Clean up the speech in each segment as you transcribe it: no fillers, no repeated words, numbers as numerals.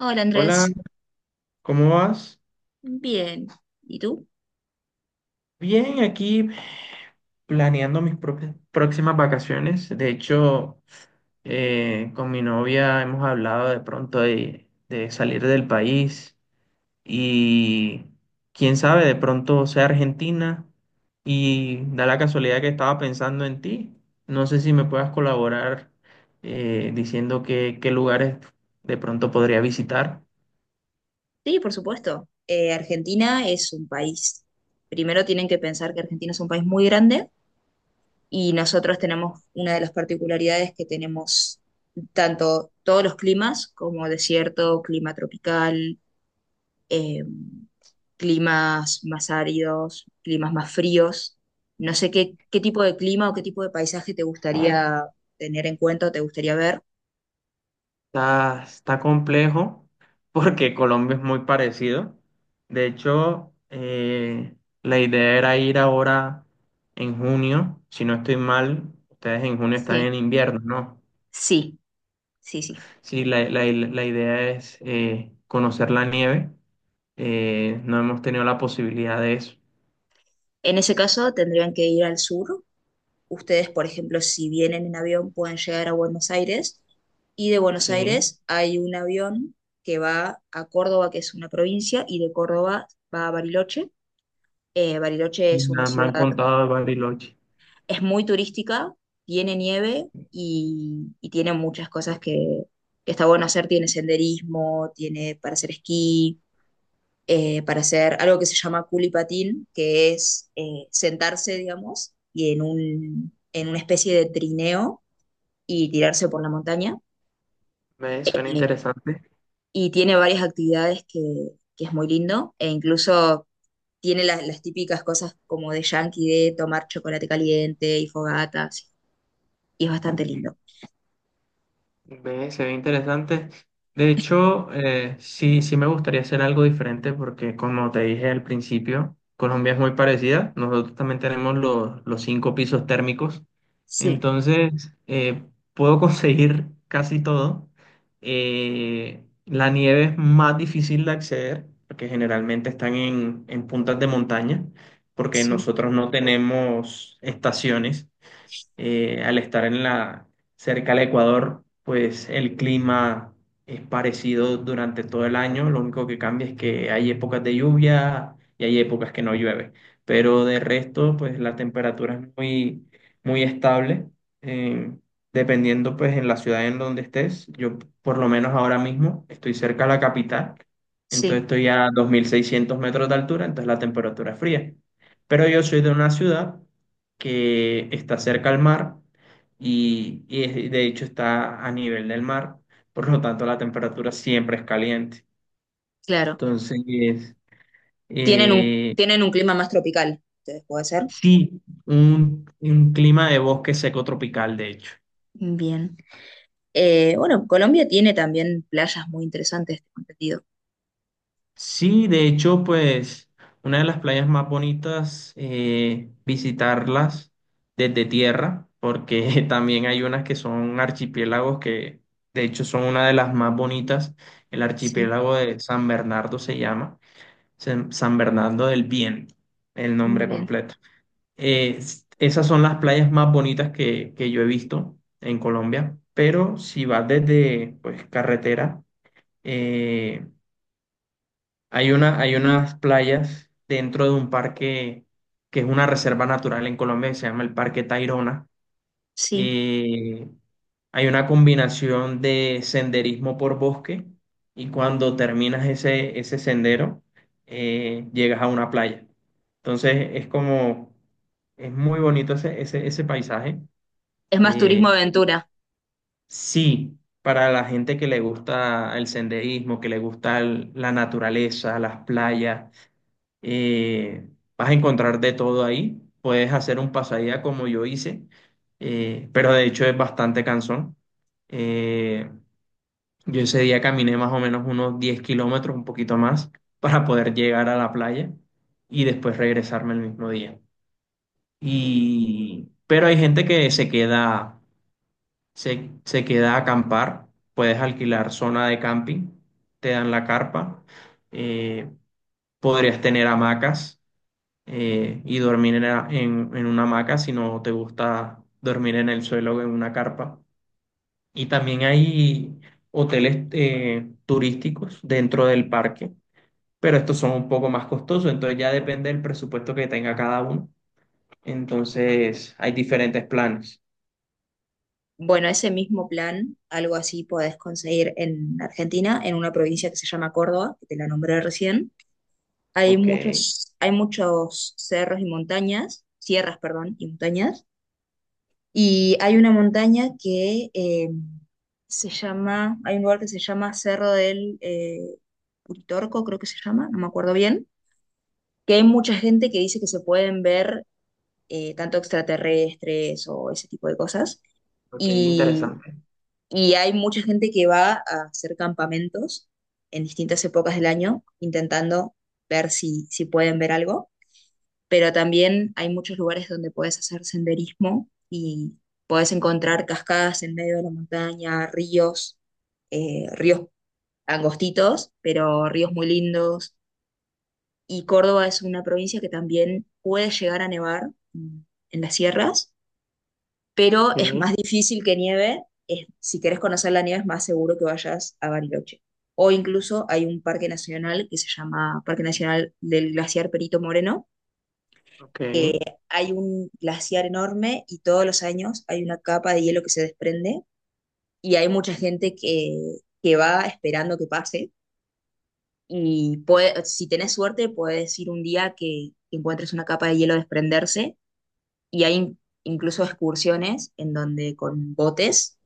Hola Hola, Andrés, ¿cómo vas? bien. ¿Y tú? Bien, aquí planeando mis próximas vacaciones. De hecho, con mi novia hemos hablado de pronto de salir del país y quién sabe, de pronto sea Argentina y da la casualidad que estaba pensando en ti. No sé si me puedas colaborar diciendo qué lugares de pronto podría visitar. Sí, por supuesto. Argentina es un país. Primero tienen que pensar que Argentina es un país muy grande y nosotros tenemos una de las particularidades que tenemos tanto todos los climas como desierto, clima tropical, eh, climas más áridos, climas más fríos. No sé qué tipo de clima o qué tipo de paisaje te gustaría tener en cuenta o te gustaría ver. Está complejo porque Colombia es muy parecido. De hecho, la idea era ir ahora en junio. Si no estoy mal, ustedes en junio están Sí, en invierno, ¿no? sí, sí, sí. Sí, la idea es conocer la nieve. No hemos tenido la posibilidad de eso. En ese caso, tendrían que ir al sur. Ustedes, por ejemplo, si vienen en avión, pueden llegar a Buenos Aires. Y de Buenos Sí. Aires hay un avión que va a Córdoba, que es una provincia, y de Córdoba va a Bariloche. Bariloche Y es una nada, me ciudad, han contado de Bariloche. es muy turística, tiene nieve y tiene muchas cosas que está bueno hacer. Tiene senderismo, tiene para hacer esquí, para hacer algo que se llama culipatín, que es sentarse, digamos, y en una especie de trineo y tirarse por la montaña. Me suena Eh, interesante. y tiene varias actividades que es muy lindo, e incluso tiene las típicas cosas como de yankee, de tomar chocolate caliente y fogatas, y es bastante lindo. Ve, se ve interesante. De hecho, sí, sí me gustaría hacer algo diferente porque, como te dije al principio, Colombia es muy parecida. Nosotros también tenemos los cinco pisos térmicos. Sí, Entonces, puedo conseguir casi todo. La nieve es más difícil de acceder porque generalmente están en puntas de montaña porque sí, nosotros no tenemos estaciones. Al estar cerca del Ecuador, pues el clima es parecido durante todo el año. Lo único que cambia es que hay épocas de lluvia y hay épocas que no llueve. Pero de resto, pues la temperatura es muy, muy estable. eh, dependiendo, pues, en la ciudad en donde estés. Yo, por lo menos ahora mismo, estoy cerca de la capital. sí, Entonces estoy a 2600 metros de altura, entonces la temperatura es fría. Pero yo soy de una ciudad que está cerca al mar de hecho está a nivel del mar, por lo tanto la temperatura siempre es caliente. claro. Entonces, eh, Tienen un clima más tropical, ustedes puede ser. sí, un clima de bosque seco tropical, de hecho. Bien. Bueno, Colombia tiene también playas muy interesantes, este sentido. Sí, de hecho, pues una de las playas más bonitas, visitarlas desde tierra, porque también hay unas que son archipiélagos que de hecho son una de las más bonitas. El Sí, archipiélago de San Bernardo se llama San Bernardo del Viento, el nombre bien, completo. Esas son las playas más bonitas que yo he visto en Colombia, pero si vas desde pues, carretera, eh, hay unas playas dentro de un parque que es una reserva natural en Colombia que se llama el Parque Tayrona. sí. Eh, hay una combinación de senderismo por bosque y cuando terminas ese sendero, llegas a una playa. Entonces es muy bonito ese paisaje. Es más turismo Eh, aventura. sí, para la gente que le gusta el senderismo, que le gusta la naturaleza, las playas eh, vas a encontrar de todo ahí. Puedes hacer un pasadía como yo hice, pero de hecho es bastante cansón. Eh, yo ese día caminé más o menos unos 10 kilómetros, un poquito más, para poder llegar a la playa y después regresarme el mismo día. Pero hay gente que se queda, se queda a acampar. Puedes alquilar zona de camping, te dan la carpa, eh, podrías tener hamacas y dormir en una hamaca si no te gusta dormir en el suelo o en una carpa. Y también hay hoteles turísticos dentro del parque, pero estos son un poco más costosos, entonces ya depende del presupuesto que tenga cada uno. Entonces hay diferentes planes. Bueno, ese mismo plan, algo así podés conseguir en Argentina, en una provincia que se llama Córdoba, que te la nombré recién. Ok. Hay muchos cerros y montañas, sierras, perdón, y montañas. Y hay una montaña que se llama, hay un lugar que se llama Cerro del Uritorco, creo que se llama, no me acuerdo bien que hay mucha gente que dice que se pueden ver tanto extraterrestres o ese tipo de cosas. Ok, Y, interesante. y hay mucha gente que va a hacer campamentos en distintas épocas del año intentando ver si pueden ver algo. Pero también hay muchos lugares donde puedes hacer senderismo y puedes encontrar cascadas en medio de la montaña, ríos, ríos angostitos, pero ríos muy lindos, y Córdoba es una provincia que también puede llegar a nevar en las sierras, pero es Sí, más difícil que nieve. Si querés conocer la nieve es más seguro que vayas a Bariloche. O incluso hay un parque nacional que se llama Parque Nacional del Glaciar Perito Moreno, ok, que hay un glaciar enorme y todos los años hay una capa de hielo que se desprende y hay mucha gente que va esperando que pase. Y si tenés suerte, puedes ir un día que encuentres una capa de hielo desprenderse y hay incluso excursiones en donde con botes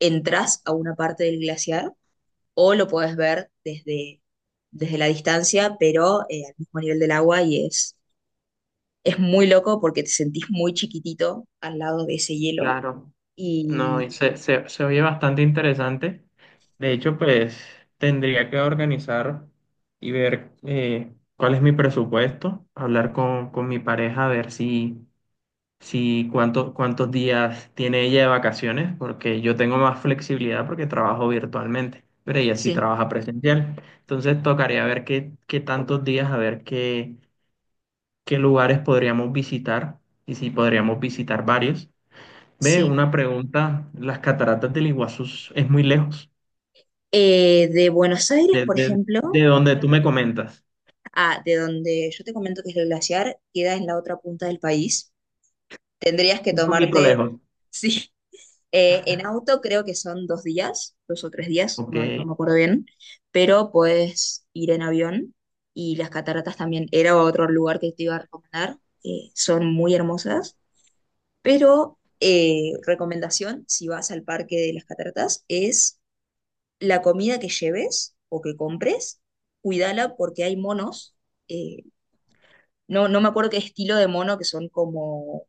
entras a una parte del glaciar o lo puedes ver desde la distancia, pero al mismo nivel del agua y es muy loco porque te sentís muy chiquitito al lado de ese hielo. claro. No, Y y se oye bastante interesante. De hecho, pues tendría que organizar y ver cuál es mi presupuesto, hablar con mi pareja, a ver si cuántos días tiene ella de vacaciones, porque yo tengo más flexibilidad porque trabajo virtualmente, pero ella sí sí, trabaja presencial. Entonces tocaría ver qué tantos días, a ver qué lugares podríamos visitar y si podríamos visitar varios. Ve, sí. una pregunta, las cataratas del Iguazú es muy lejos, De Buenos Aires, por de ejemplo. donde tú me comentas. Ah, de donde yo te comento que es el glaciar, queda en la otra punta del país. Tendrías que Un poquito tomarte, lejos. sí, en auto creo que son dos días, dos o tres días, Ok, no, no me acuerdo bien, pero puedes ir en avión y las cataratas también era otro lugar que te iba a recomendar. Son muy hermosas, pero recomendación si vas al parque de las cataratas es la comida que lleves o que compres, cuídala porque hay monos eh, no, no me acuerdo qué estilo de mono, que son como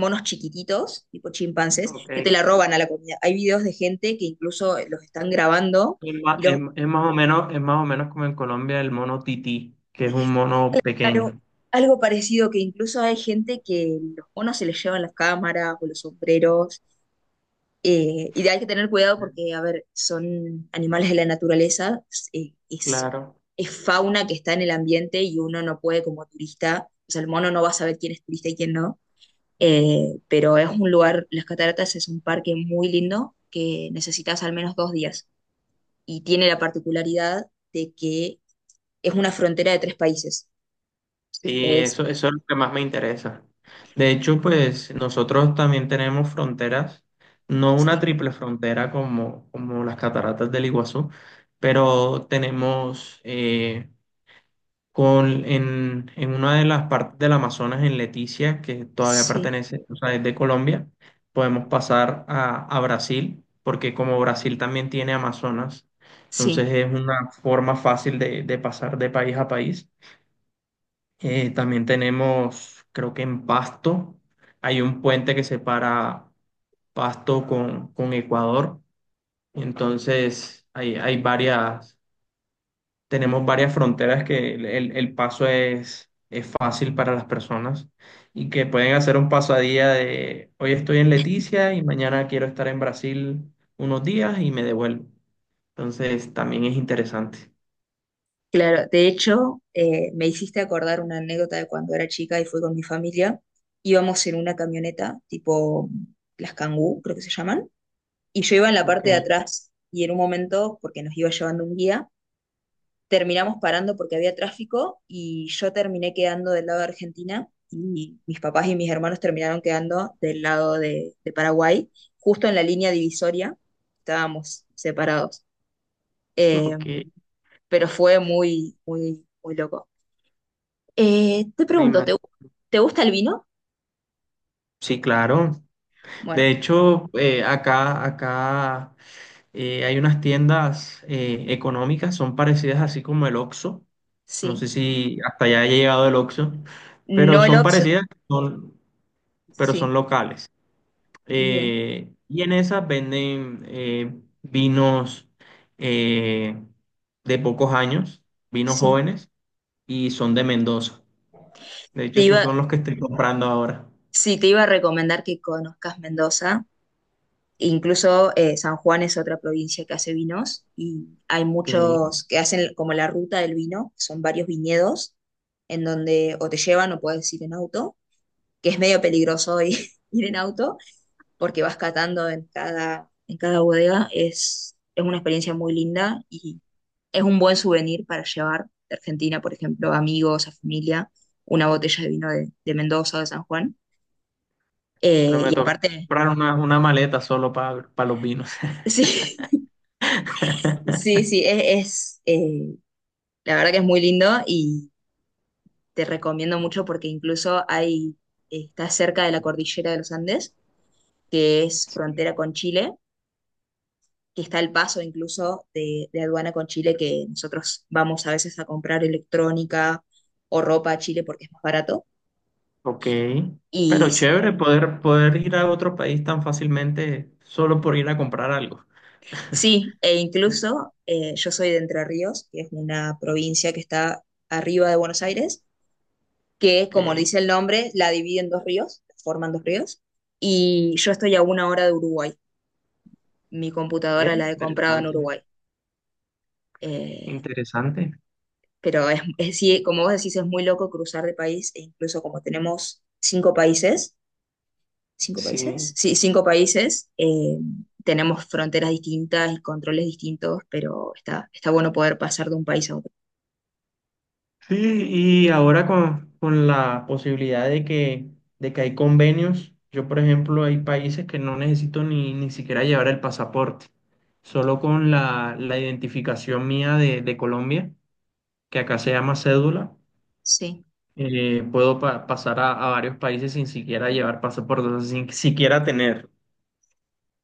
monos chiquititos, tipo chimpancés, que te ok. la roban a la comida. Hay videos de gente que incluso los están grabando Es ma- y es- es más, o menos, es más o menos como en Colombia el mono tití, que es un mono Algo, pequeño. algo parecido, que incluso hay gente que los monos se les llevan las cámaras o los sombreros. Y hay que tener cuidado porque, a ver, son animales de la naturaleza, eh, es, Claro, es fauna que está en el ambiente y uno no puede como turista, o sea, el mono no va a saber quién es turista y quién no. Pero es un lugar, las cataratas es un parque muy lindo que necesitas al menos dos días y tiene la particularidad de que es una frontera de tres países. sí, Es, eso es lo que más me interesa. De hecho, pues nosotros también tenemos fronteras, no una sí, triple frontera como las cataratas del Iguazú, pero tenemos en una de las partes del Amazonas, en Leticia, que todavía sí, pertenece, o sea, es de Colombia, podemos pasar a Brasil, porque como Brasil también tiene Amazonas, entonces sí, es una forma fácil de pasar de país a país. También tenemos, creo que en Pasto, hay un puente que separa Pasto con Ecuador, entonces hay varias tenemos varias fronteras que el paso es fácil para las personas y que pueden hacer un paso a día de hoy estoy en Leticia y mañana quiero estar en Brasil unos días y me devuelvo. Entonces también es interesante. claro. De hecho, me hiciste acordar una anécdota de cuando era chica y fui con mi familia. Íbamos en una camioneta tipo las Kangoo, creo que se llaman, y yo iba en la Ok, parte de atrás y en un momento, porque nos iba llevando un guía, terminamos parando porque había tráfico y yo terminé quedando del lado de Argentina y mis papás y mis hermanos terminaron quedando del lado de Paraguay, justo en la línea divisoria, estábamos separados. Eh, ok. pero fue muy, muy, muy loco. Te Me pregunto, ¿ imagino. te gusta el vino? Sí, claro. De Bueno, hecho, acá hay unas tiendas económicas, son parecidas así como el Oxxo. No sé sí. si hasta allá haya llegado el Oxxo, pero No el son Ox, parecidas. Son, pero son sí, locales. bien, Y en esas venden vinos eh, de pocos años, vinos sí. jóvenes, y son de Mendoza. De hecho, Te esos iba, son los que estoy comprando ahora. sí, te iba a recomendar que conozcas Mendoza. Incluso San Juan es otra provincia que hace vinos y hay Ok. muchos que hacen como la ruta del vino, son varios viñedos en donde o te llevan o puedes ir en auto, que es medio peligroso hoy ir en auto porque vas catando en en cada bodega. Es una experiencia muy linda y es un buen souvenir para llevar de Argentina, por ejemplo, a amigos, a familia, una botella de vino de Mendoza o de San Juan. Pero me Y toca aparte, comprar una maleta solo para los vinos. sí, sí, sí, la verdad que es muy lindo y te recomiendo mucho porque incluso hay, está cerca de la cordillera de los Andes, que es frontera con Chile, que está el paso incluso de aduana con Chile, que nosotros vamos a veces a comprar electrónica o ropa a Chile porque es más barato. Ok. Y Pero chévere poder, poder ir a otro país tan fácilmente solo por ir a comprar algo. sí, e incluso yo soy de Entre Ríos, que es una provincia que está arriba de Buenos Aires, que como le Ok. dice el nombre, la divide en dos ríos, forman dos ríos, y yo estoy a una hora de Uruguay. Mi Ve, computadora la he comprado en interesante. Uruguay. Eh, Interesante. pero sí, como vos decís, es muy loco cruzar de país, e incluso como tenemos cinco países, ¿cinco países? Sí. Sí, cinco países, tenemos fronteras distintas y controles distintos, pero está, está bueno poder pasar de un país a otro. Sí, y ahora con la posibilidad de de que hay convenios, yo por ejemplo hay países que no necesito ni siquiera llevar el pasaporte, solo con la identificación mía de Colombia, que acá se llama cédula, Sí. Puedo pasar a varios países sin siquiera llevar pasaporte, o sea, sin siquiera tener.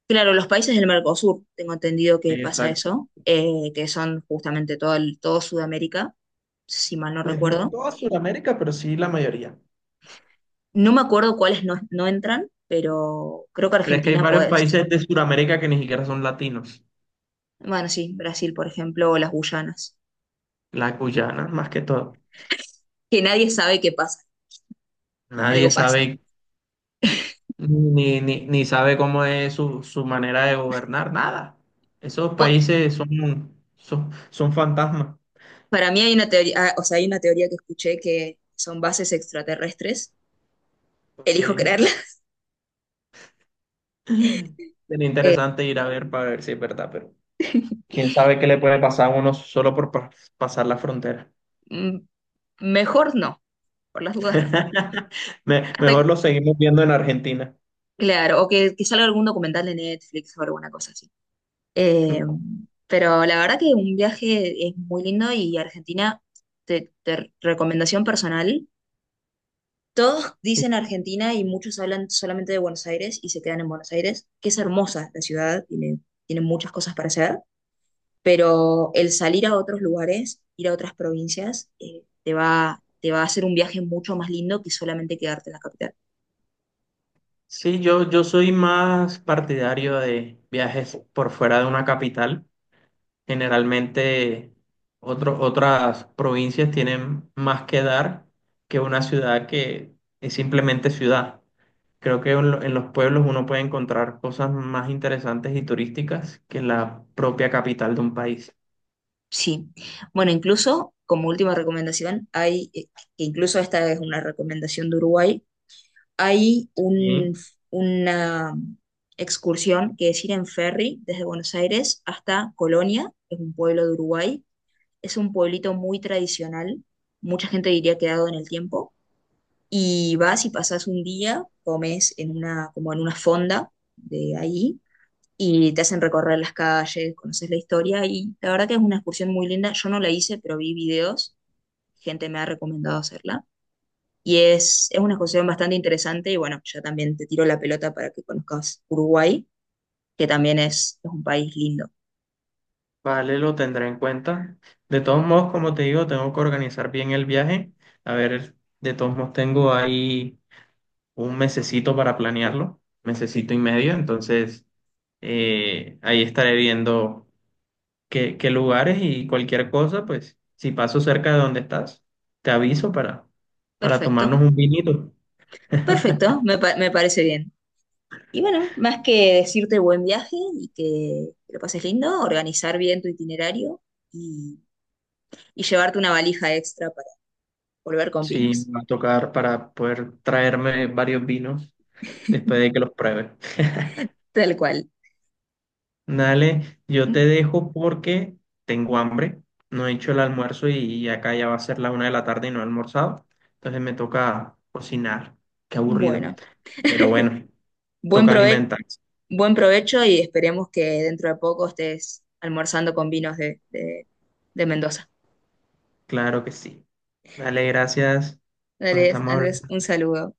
Claro, los países del Mercosur, tengo entendido que pasa Exacto. eso, que son justamente todo, todo Sudamérica, si mal no Pues no recuerdo. toda Sudamérica, pero sí la mayoría. No me acuerdo cuáles no entran, pero creo que Pero es que hay Argentina varios podés. países de Sudamérica que ni siquiera son latinos, Bueno, sí, Brasil, por ejemplo, o las Guyanas, la Guyana más que todo. que nadie sabe qué pasa, algo Nadie pasa. sabe ni sabe cómo es su manera de gobernar, nada. Esos Po- países son, fantasmas. Para mí hay una teoría, ah, o sea, hay una teoría que escuché que son bases extraterrestres, Ok. elijo creerla. Sería Eh, interesante ir a ver para ver si es verdad, pero quién sabe qué le puede pasar a uno solo por pasar la frontera. mm, mejor no, por las dudas no. Hasta, Mejor lo seguimos viendo en Argentina. claro, o que salga algún documental de Netflix o alguna cosa así. Eh, pero la verdad que un viaje es muy lindo y Argentina, recomendación personal, todos Sí, dicen Argentina y muchos hablan solamente de Buenos Aires y se quedan en Buenos Aires, que es hermosa la ciudad, tiene, tiene muchas cosas para hacer, pero el salir a otros lugares, ir a otras provincias, te va a hacer un viaje mucho más lindo que solamente quedarte en la capital. sí, yo soy más partidario de viajes por fuera de una capital. Generalmente otras provincias tienen más que dar que una ciudad que es simplemente ciudad. Creo que en los pueblos uno puede encontrar cosas más interesantes y turísticas que en la propia capital de un país. Sí. Bueno, incluso como última recomendación, que incluso esta es una recomendación de Uruguay, hay Y, una excursión que es ir en ferry desde Buenos Aires hasta Colonia, que es un pueblo de Uruguay. Es un pueblito muy tradicional, mucha gente diría quedado en el tiempo. Y vas y pasas un día, comes en una, como en una fonda de ahí y te hacen recorrer las calles, conoces la historia y la verdad que es una excursión muy linda. Yo no la hice, pero vi videos, gente me ha recomendado hacerla y es una exposición bastante interesante y bueno, ya también te tiro la pelota para que conozcas Uruguay, que también es un país lindo. vale, lo tendré en cuenta. De todos modos, como te digo, tengo que organizar bien el viaje. A ver, de todos modos tengo ahí un mesecito para planearlo, mesecito y medio, entonces ahí estaré viendo. Qué lugares y cualquier cosa, pues si paso cerca de donde estás, te aviso para, Perfecto, tomarnos un vinito. perfecto, me parece bien. Y bueno, más que decirte buen viaje y que lo pases lindo, organizar bien tu itinerario y, y llevarte una valija extra para volver con Sí, vinos, me va a tocar para poder traerme varios vinos después de que los pruebe. tal cual. Dale, yo te Mm, dejo porque tengo hambre, no he hecho el almuerzo y acá ya va a ser la una de la tarde y no he almorzado, entonces me toca cocinar, qué aburrido, Bueno, pero bueno, buen toca prove- alimentarse, buen provecho y esperemos que dentro de poco estés almorzando con vinos de de Mendoza. claro que sí. Dale, gracias, nos Dale, estamos Andrés, hablando. un saludo.